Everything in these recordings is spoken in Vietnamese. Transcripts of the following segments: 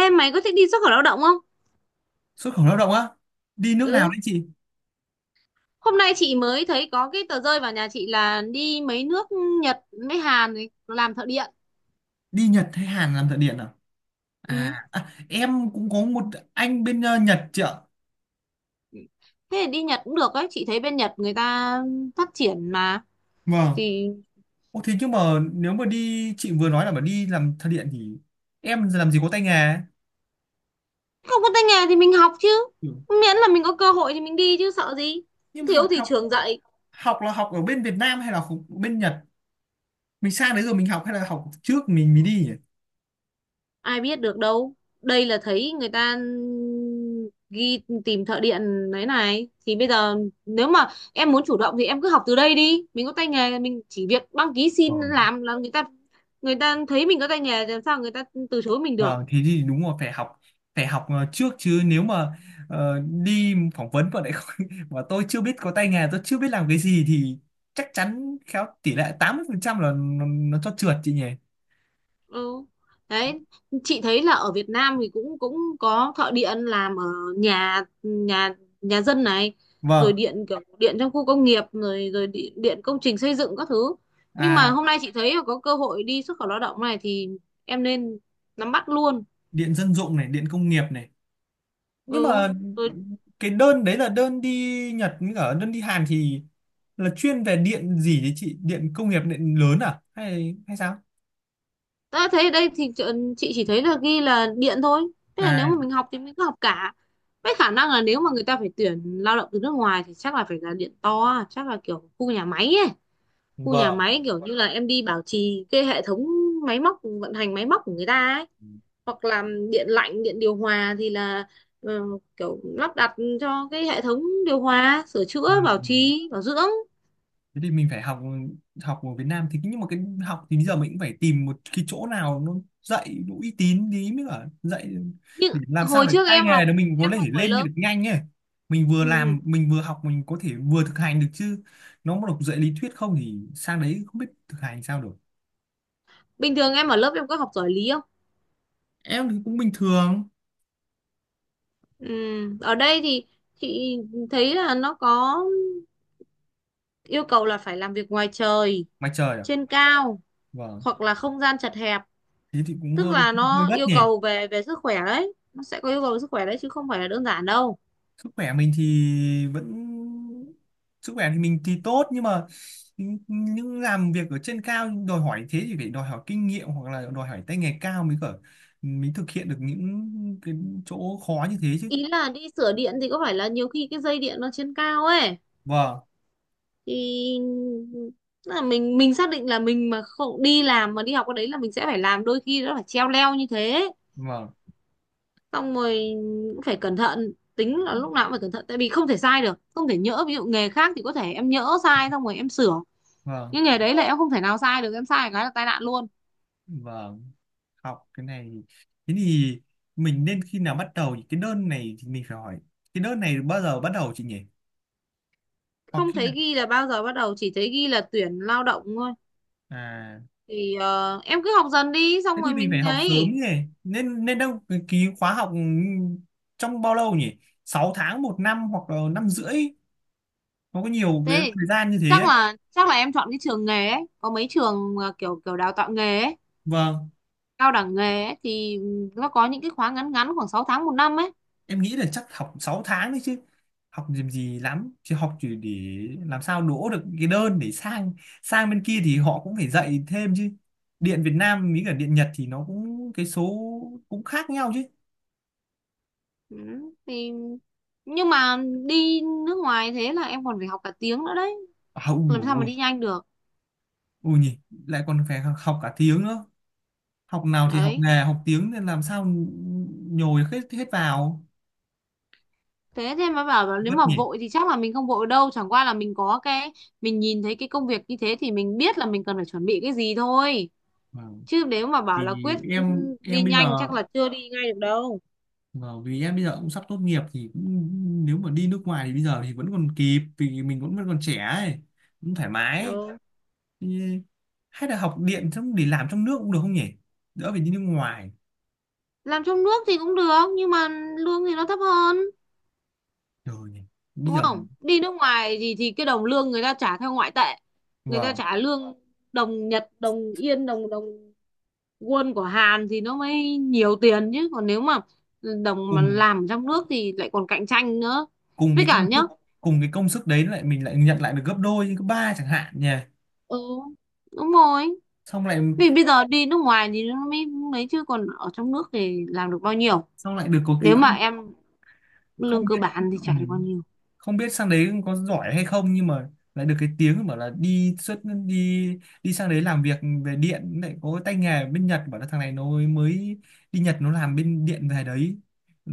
Ê, mày có thích đi xuất khẩu lao động không? Xuất khẩu lao động á? Đi nước nào Ừ. đấy chị? Hôm nay chị mới thấy có cái tờ rơi vào nhà chị là đi mấy nước Nhật với Hàn này, làm thợ điện. Đi Nhật hay Hàn làm thợ điện à? Ừ. À, em cũng có một anh bên Nhật chị ạ. Thế thì đi Nhật cũng được ấy. Chị thấy bên Nhật người ta phát triển mà. Vâng. Thì Ô thế nhưng mà, nếu mà đi chị vừa nói là mà đi làm thợ điện thì em làm gì có tay nghề. không có tay nghề thì mình học chứ. Ừ. Miễn là mình có cơ hội thì mình đi chứ sợ gì. Nhưng mà Thiếu học thì học trường dạy. học là học ở bên Việt Nam hay là học bên Nhật? Mình sang đấy rồi mình học hay là học trước mình mới đi nhỉ? Ai biết được đâu, đây là thấy người ta ghi tìm thợ điện đấy này. Thì bây giờ nếu mà em muốn chủ động thì em cứ học từ đây đi, mình có tay nghề mình chỉ việc đăng ký Ờ. xin làm là người ta thấy mình có tay nghề, làm sao người ta từ chối mình được. Vâng, thế thì đúng rồi phải học trước chứ nếu mà đi phỏng vấn mà lại không, mà tôi chưa biết có tay nghề, tôi chưa biết làm cái gì thì chắc chắn khéo tỷ lệ 80% là nó cho trượt chị nhỉ. Ừ. Đấy, chị thấy là ở Việt Nam thì cũng cũng có thợ điện làm ở nhà nhà nhà dân này, rồi Vâng, điện kiểu điện trong khu công nghiệp rồi rồi điện, điện công trình xây dựng các thứ. Nhưng mà à, hôm nay chị thấy là có cơ hội đi xuất khẩu lao động này thì em nên nắm bắt luôn. điện dân dụng này, điện công nghiệp này. Nhưng Ừ. mà Rồi cái đơn đấy là đơn đi Nhật với cả đơn đi Hàn thì là chuyên về điện gì đấy chị? Điện công nghiệp điện lớn à, hay hay sao? ta thấy ở đây thì chị chỉ thấy là ghi là điện thôi. Thế là nếu mà À, mình học thì mình cứ học cả. Với khả năng là nếu mà người ta phải tuyển lao động từ nước ngoài thì chắc là phải là điện to, chắc là kiểu khu nhà máy ấy. Khu nhà vâng. máy kiểu như là em đi bảo trì cái hệ thống máy móc, vận hành máy móc của người ta ấy, hoặc là điện lạnh điện điều hòa thì là ờ, kiểu lắp đặt cho cái hệ thống điều hòa, sửa À. chữa bảo trì bảo dưỡng. Thế thì mình phải học, học ở Việt Nam thì nhưng mà cái học thì bây giờ mình cũng phải tìm một cái chỗ nào nó dạy đủ uy tín tí mới cả dạy Nhưng để làm sao hồi để trước tay em nghề học, nó mình có em thể học ở lên lớp. được nhanh ấy. Mình vừa Ừ. làm mình vừa học mình có thể vừa thực hành được chứ, nó mà đọc dạy lý thuyết không thì sang đấy không biết thực hành sao được. Bình thường em ở lớp em có học giỏi lý không? Em thì cũng bình thường. Ừ. Ở đây thì chị thấy là nó có yêu cầu là phải làm việc ngoài trời, Mà trời ạ. trên cao Vâng, hoặc là không gian chật hẹp. thế thì cũng Tức hơi là hơi nó gắt yêu nhỉ. cầu về về sức khỏe đấy, nó sẽ có yêu cầu về sức khỏe đấy chứ không phải là đơn giản đâu. Sức khỏe mình thì vẫn, sức khỏe thì mình thì tốt, nhưng mà những làm việc ở trên cao đòi hỏi thế thì phải đòi hỏi kinh nghiệm hoặc là đòi hỏi tay nghề cao mới cỡ, mới thực hiện được những cái chỗ khó như thế chứ. Ý là đi sửa điện thì có phải là nhiều khi cái dây điện nó trên cao ấy, Vâng, thì tức là mình xác định là mình mà không đi làm mà đi học cái đấy là mình sẽ phải làm, đôi khi nó phải treo leo như thế. vâng, Xong rồi cũng phải cẩn thận, tính là lúc nào cũng phải cẩn thận, tại vì không thể sai được, không thể nhỡ. Ví dụ nghề khác thì có thể em nhỡ sai xong rồi em sửa, vâng, nhưng nghề đấy là em không thể nào sai được, em sai cái là tai nạn luôn. vâng. Học cái này, thế thì mình nên khi nào bắt đầu thì cái đơn này thì mình phải hỏi cái đơn này bao giờ bắt đầu chị nhỉ, hoặc Không khi thấy nào? ghi là bao giờ bắt đầu, chỉ thấy ghi là tuyển lao động thôi. À, Thì em cứ học dần đi thế xong thì rồi mình phải mình học ấy. sớm nhỉ. Nên nên đâu cái ký khóa học trong bao lâu nhỉ? 6 tháng 1 năm hoặc là năm rưỡi, nó có nhiều cái Thế thì thời gian như thế chắc ấy. là chắc là em chọn cái trường nghề ấy, có mấy trường mà kiểu kiểu đào tạo nghề ấy, Vâng, cao đẳng nghề ấy, thì nó có những cái khóa ngắn ngắn khoảng 6 tháng 1 năm ấy. em nghĩ là chắc học 6 tháng đấy chứ, học làm gì lắm, chứ học chỉ để làm sao đỗ được cái đơn để sang sang bên kia thì họ cũng phải dạy thêm chứ. Điện Việt Nam với cả điện Nhật thì nó cũng cái số cũng khác nhau chứ. Ừ, thì nhưng mà đi nước ngoài thế là em còn phải học cả tiếng nữa đấy, À, ui làm dồi sao mà ôi, đi nhanh được. ui nhỉ, lại còn phải học cả tiếng nữa. Học nào thì học Đấy, nghề học tiếng nên làm sao nhồi hết hết vào. thế thì mà bảo là nếu Vất mà nhỉ. vội thì chắc là mình không vội đâu, chẳng qua là mình có cái, mình nhìn thấy cái công việc như thế thì mình biết là mình cần phải chuẩn bị cái gì thôi, Vâng. chứ nếu mà bảo là Vì quyết em đi em bây giờ, nhanh chắc là chưa đi ngay được đâu. vâng, vì em bây giờ cũng sắp tốt nghiệp thì cũng, nếu mà đi nước ngoài thì bây giờ thì vẫn còn kịp vì mình vẫn vẫn còn trẻ ấy, cũng thoải mái. Đâu, Thì hay là học điện xong để làm trong nước cũng được không nhỉ, đỡ phải đi nước ngoài. làm trong nước thì cũng được nhưng mà lương thì nó thấp hơn, Rồi nhỉ, bây đúng giờ, không? Đi nước ngoài thì cái đồng lương người ta trả theo ngoại tệ, người ta vâng, trả lương đồng Nhật, đồng Yên, đồng đồng won của Hàn thì nó mới nhiều tiền. Chứ còn nếu mà đồng mà cùng làm trong nước thì lại còn cạnh tranh nữa. cùng Với cái cả công nhá, sức cùng cái công sức đấy lại mình lại nhận lại được gấp đôi gấp ba chẳng hạn nhỉ. ừ, đúng rồi, xong lại vì bây giờ đi nước ngoài thì nó mới lấy, chứ còn ở trong nước thì làm được bao nhiêu. xong lại được có cái Nếu mà không. em lương Không cơ biết, bản thì ừ. chả được bao nhiêu. Không biết sang đấy có giỏi hay không, nhưng mà lại được cái tiếng bảo là đi xuất đi đi sang đấy làm việc về điện lại có tay nghề, bên Nhật bảo là thằng này nó mới đi Nhật nó làm bên điện về đấy. Ừ,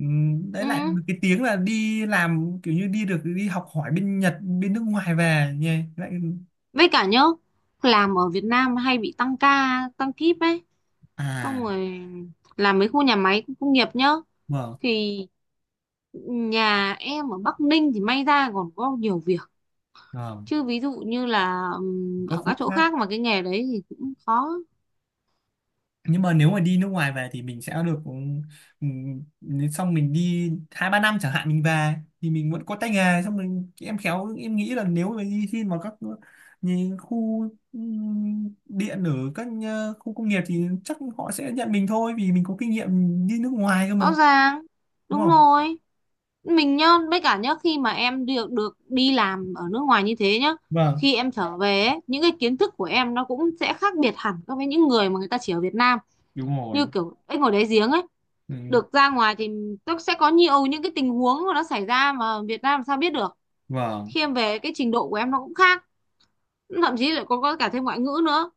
đấy Ừ, lại được cái tiếng là đi làm kiểu như đi được đi học hỏi bên Nhật bên nước ngoài về nha, lại với cả nhá, làm ở Việt Nam hay bị tăng ca tăng kíp ấy, xong à rồi làm mấy khu nhà máy công nghiệp nhá, vâng. thì nhà em ở Bắc Ninh thì may ra còn có nhiều việc. Vâng, Chứ ví dụ như là có ở khu các chỗ khác. khác mà cái nghề đấy thì cũng khó. Nhưng mà nếu mà đi nước ngoài về thì mình sẽ được, nếu xong mình đi 2 3 năm chẳng hạn mình về thì mình vẫn có tay nghề, xong mình, em khéo em nghĩ là nếu mà đi xin vào các như khu điện ở các khu công nghiệp thì chắc họ sẽ nhận mình thôi vì mình có kinh nghiệm đi nước ngoài cơ mà, Rõ ràng, đúng đúng không? rồi, mình nhá. Với cả nhá, khi mà em được được đi làm ở nước ngoài như thế nhá, Vâng, khi em trở về ấy, những cái kiến thức của em nó cũng sẽ khác biệt hẳn so với những người mà người ta chỉ ở Việt Nam, đúng rồi. như kiểu anh ngồi đáy giếng ấy. Ừ, Được ra ngoài thì nó sẽ có nhiều những cái tình huống mà nó xảy ra mà Việt Nam làm sao biết được. vâng, Khi em về cái trình độ của em nó cũng khác, thậm chí lại có cả thêm ngoại ngữ nữa,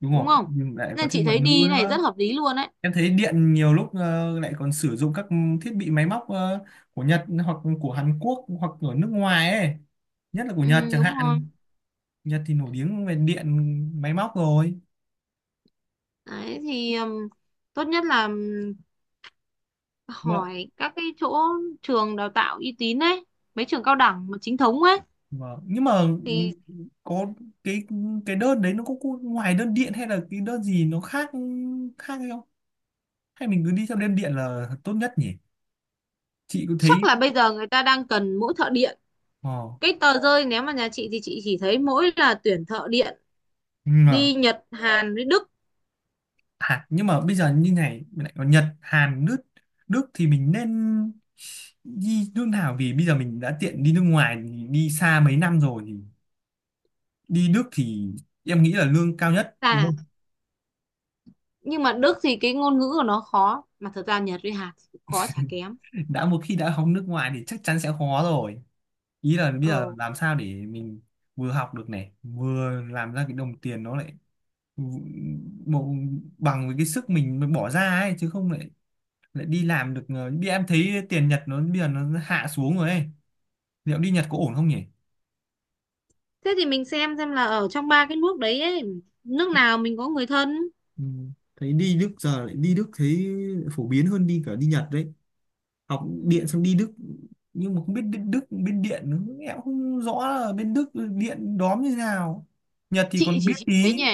đúng đúng rồi, không? nhưng lại có Nên chị thêm ngoại thấy ngữ đi này rất nữa. hợp lý luôn đấy. Em thấy điện nhiều lúc lại còn sử dụng các thiết bị máy móc của Nhật hoặc của Hàn Quốc hoặc ở nước ngoài ấy. Nhất là của Nhật Ừ, chẳng đúng rồi. hạn. Nhật thì nổi tiếng về điện máy móc rồi. Đấy thì tốt nhất là Mà, hỏi các cái chỗ trường đào tạo uy tín ấy, mấy trường cao đẳng mà chính thống ấy. mà, nhưng mà Thì có cái cái đơn đấy nó có ngoài đơn điện hay là cái đơn gì nó khác khác hay không? Hay mình cứ đi theo đơn điện là tốt nhất nhỉ? Chị có chắc thấy là bây giờ người ta đang cần mỗi thợ điện, ờ, cái tờ rơi nếu mà nhà chị thì chị chỉ thấy mỗi là tuyển thợ điện ừ, đi Nhật Hàn với Đức. Hàn nhưng mà bây giờ như này mình lại có Nhật Hàn Đức. Đức thì mình nên đi nước nào vì bây giờ mình đã tiện đi nước ngoài đi xa mấy năm rồi thì đi Đức thì em nghĩ là lương cao nhất, đúng Là không? nhưng mà Đức thì cái ngôn ngữ của nó khó, mà thật ra Nhật với Hàn thì cũng khó chả kém. Đã một khi đã học nước ngoài thì chắc chắn sẽ khó rồi, ý là bây giờ Ừ, làm sao để mình vừa học được này vừa làm ra cái đồng tiền nó lại bộ bằng với cái sức mình mới bỏ ra ấy, chứ không lại lại đi làm được đi, em thấy tiền Nhật nó bây giờ nó hạ xuống rồi ấy. Liệu đi Nhật có ổn không nhỉ? thế thì mình xem là ở trong ba cái nước đấy ấy, nước nào mình có người thân. Ừ. Thấy đi Đức, giờ lại đi Đức thấy phổ biến hơn đi cả đi Nhật đấy. Học Ừ. điện xong đi Đức. Nhưng mà không biết bên Đức bên điện nữa. Em cũng không rõ là bên Đức điện đóm như thế nào. Nhật thì Chị còn biết chỉ chị tí. thấy nhỉ,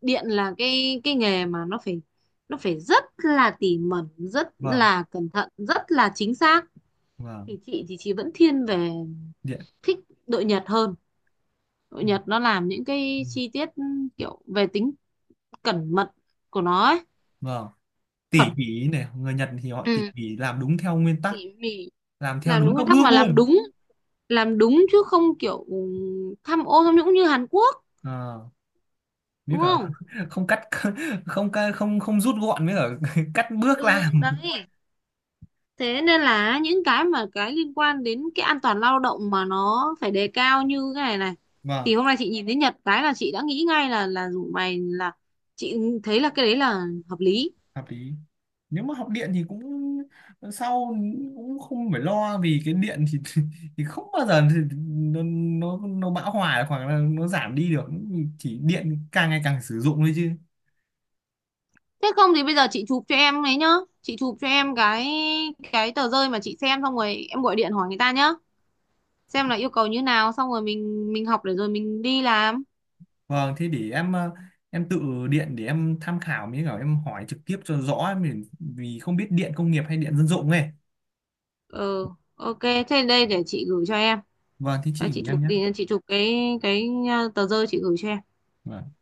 điện là cái nghề mà nó phải rất là tỉ mẩn, rất Vâng, là cẩn thận, rất là chính xác. vâng, Thì chị thì chị vẫn thiên về, điện. thích đội Nhật hơn. Đội Nhật nó làm những cái chi tiết, kiểu về tính cẩn mật của nó ấy. Vâng, tỉ Cẩn, mỉ này, người Nhật thì họ tỉ ừ, mỉ làm đúng theo nguyên tắc, tỉ mỉ, làm theo làm đúng đúng các nguyên tắc, bước mà làm luôn. đúng, làm đúng chứ không kiểu tham ô tham nhũng như Hàn Quốc, À, với đúng cả không? không cắt, không ca- không không rút gọn, với cả cắt bước Ừ, làm. đấy. Thế nên là những cái mà cái liên quan đến cái an toàn lao động mà nó phải đề cao như cái này này. Vâng. Thì hôm nay chị nhìn thấy Nhật cái là chị đã nghĩ ngay là rủ mày, là chị thấy là cái đấy là hợp lý. Hợp lý, nếu mà học điện thì cũng sau cũng không phải lo vì cái điện thì thì không bao giờ thì nó bão hòa hoặc là nó giảm đi được, chỉ điện càng ngày càng sử dụng thôi chứ. Thế không thì bây giờ chị chụp cho em ấy nhá. Chị chụp cho em cái tờ rơi mà chị xem xong rồi em gọi điện hỏi người ta nhá. Xem là yêu cầu như nào xong rồi mình học để rồi mình đi làm. Vâng, thế để em em tự điện để em tham khảo mới cả em hỏi trực tiếp cho rõ mình vì không biết điện công nghiệp hay điện dân dụng này. Ừ, ok. Thế đây để chị gửi cho em. Vâng, thế Đây, chị chị gửi chụp em nhé. thì chị chụp cái tờ rơi chị gửi cho em. Vâng.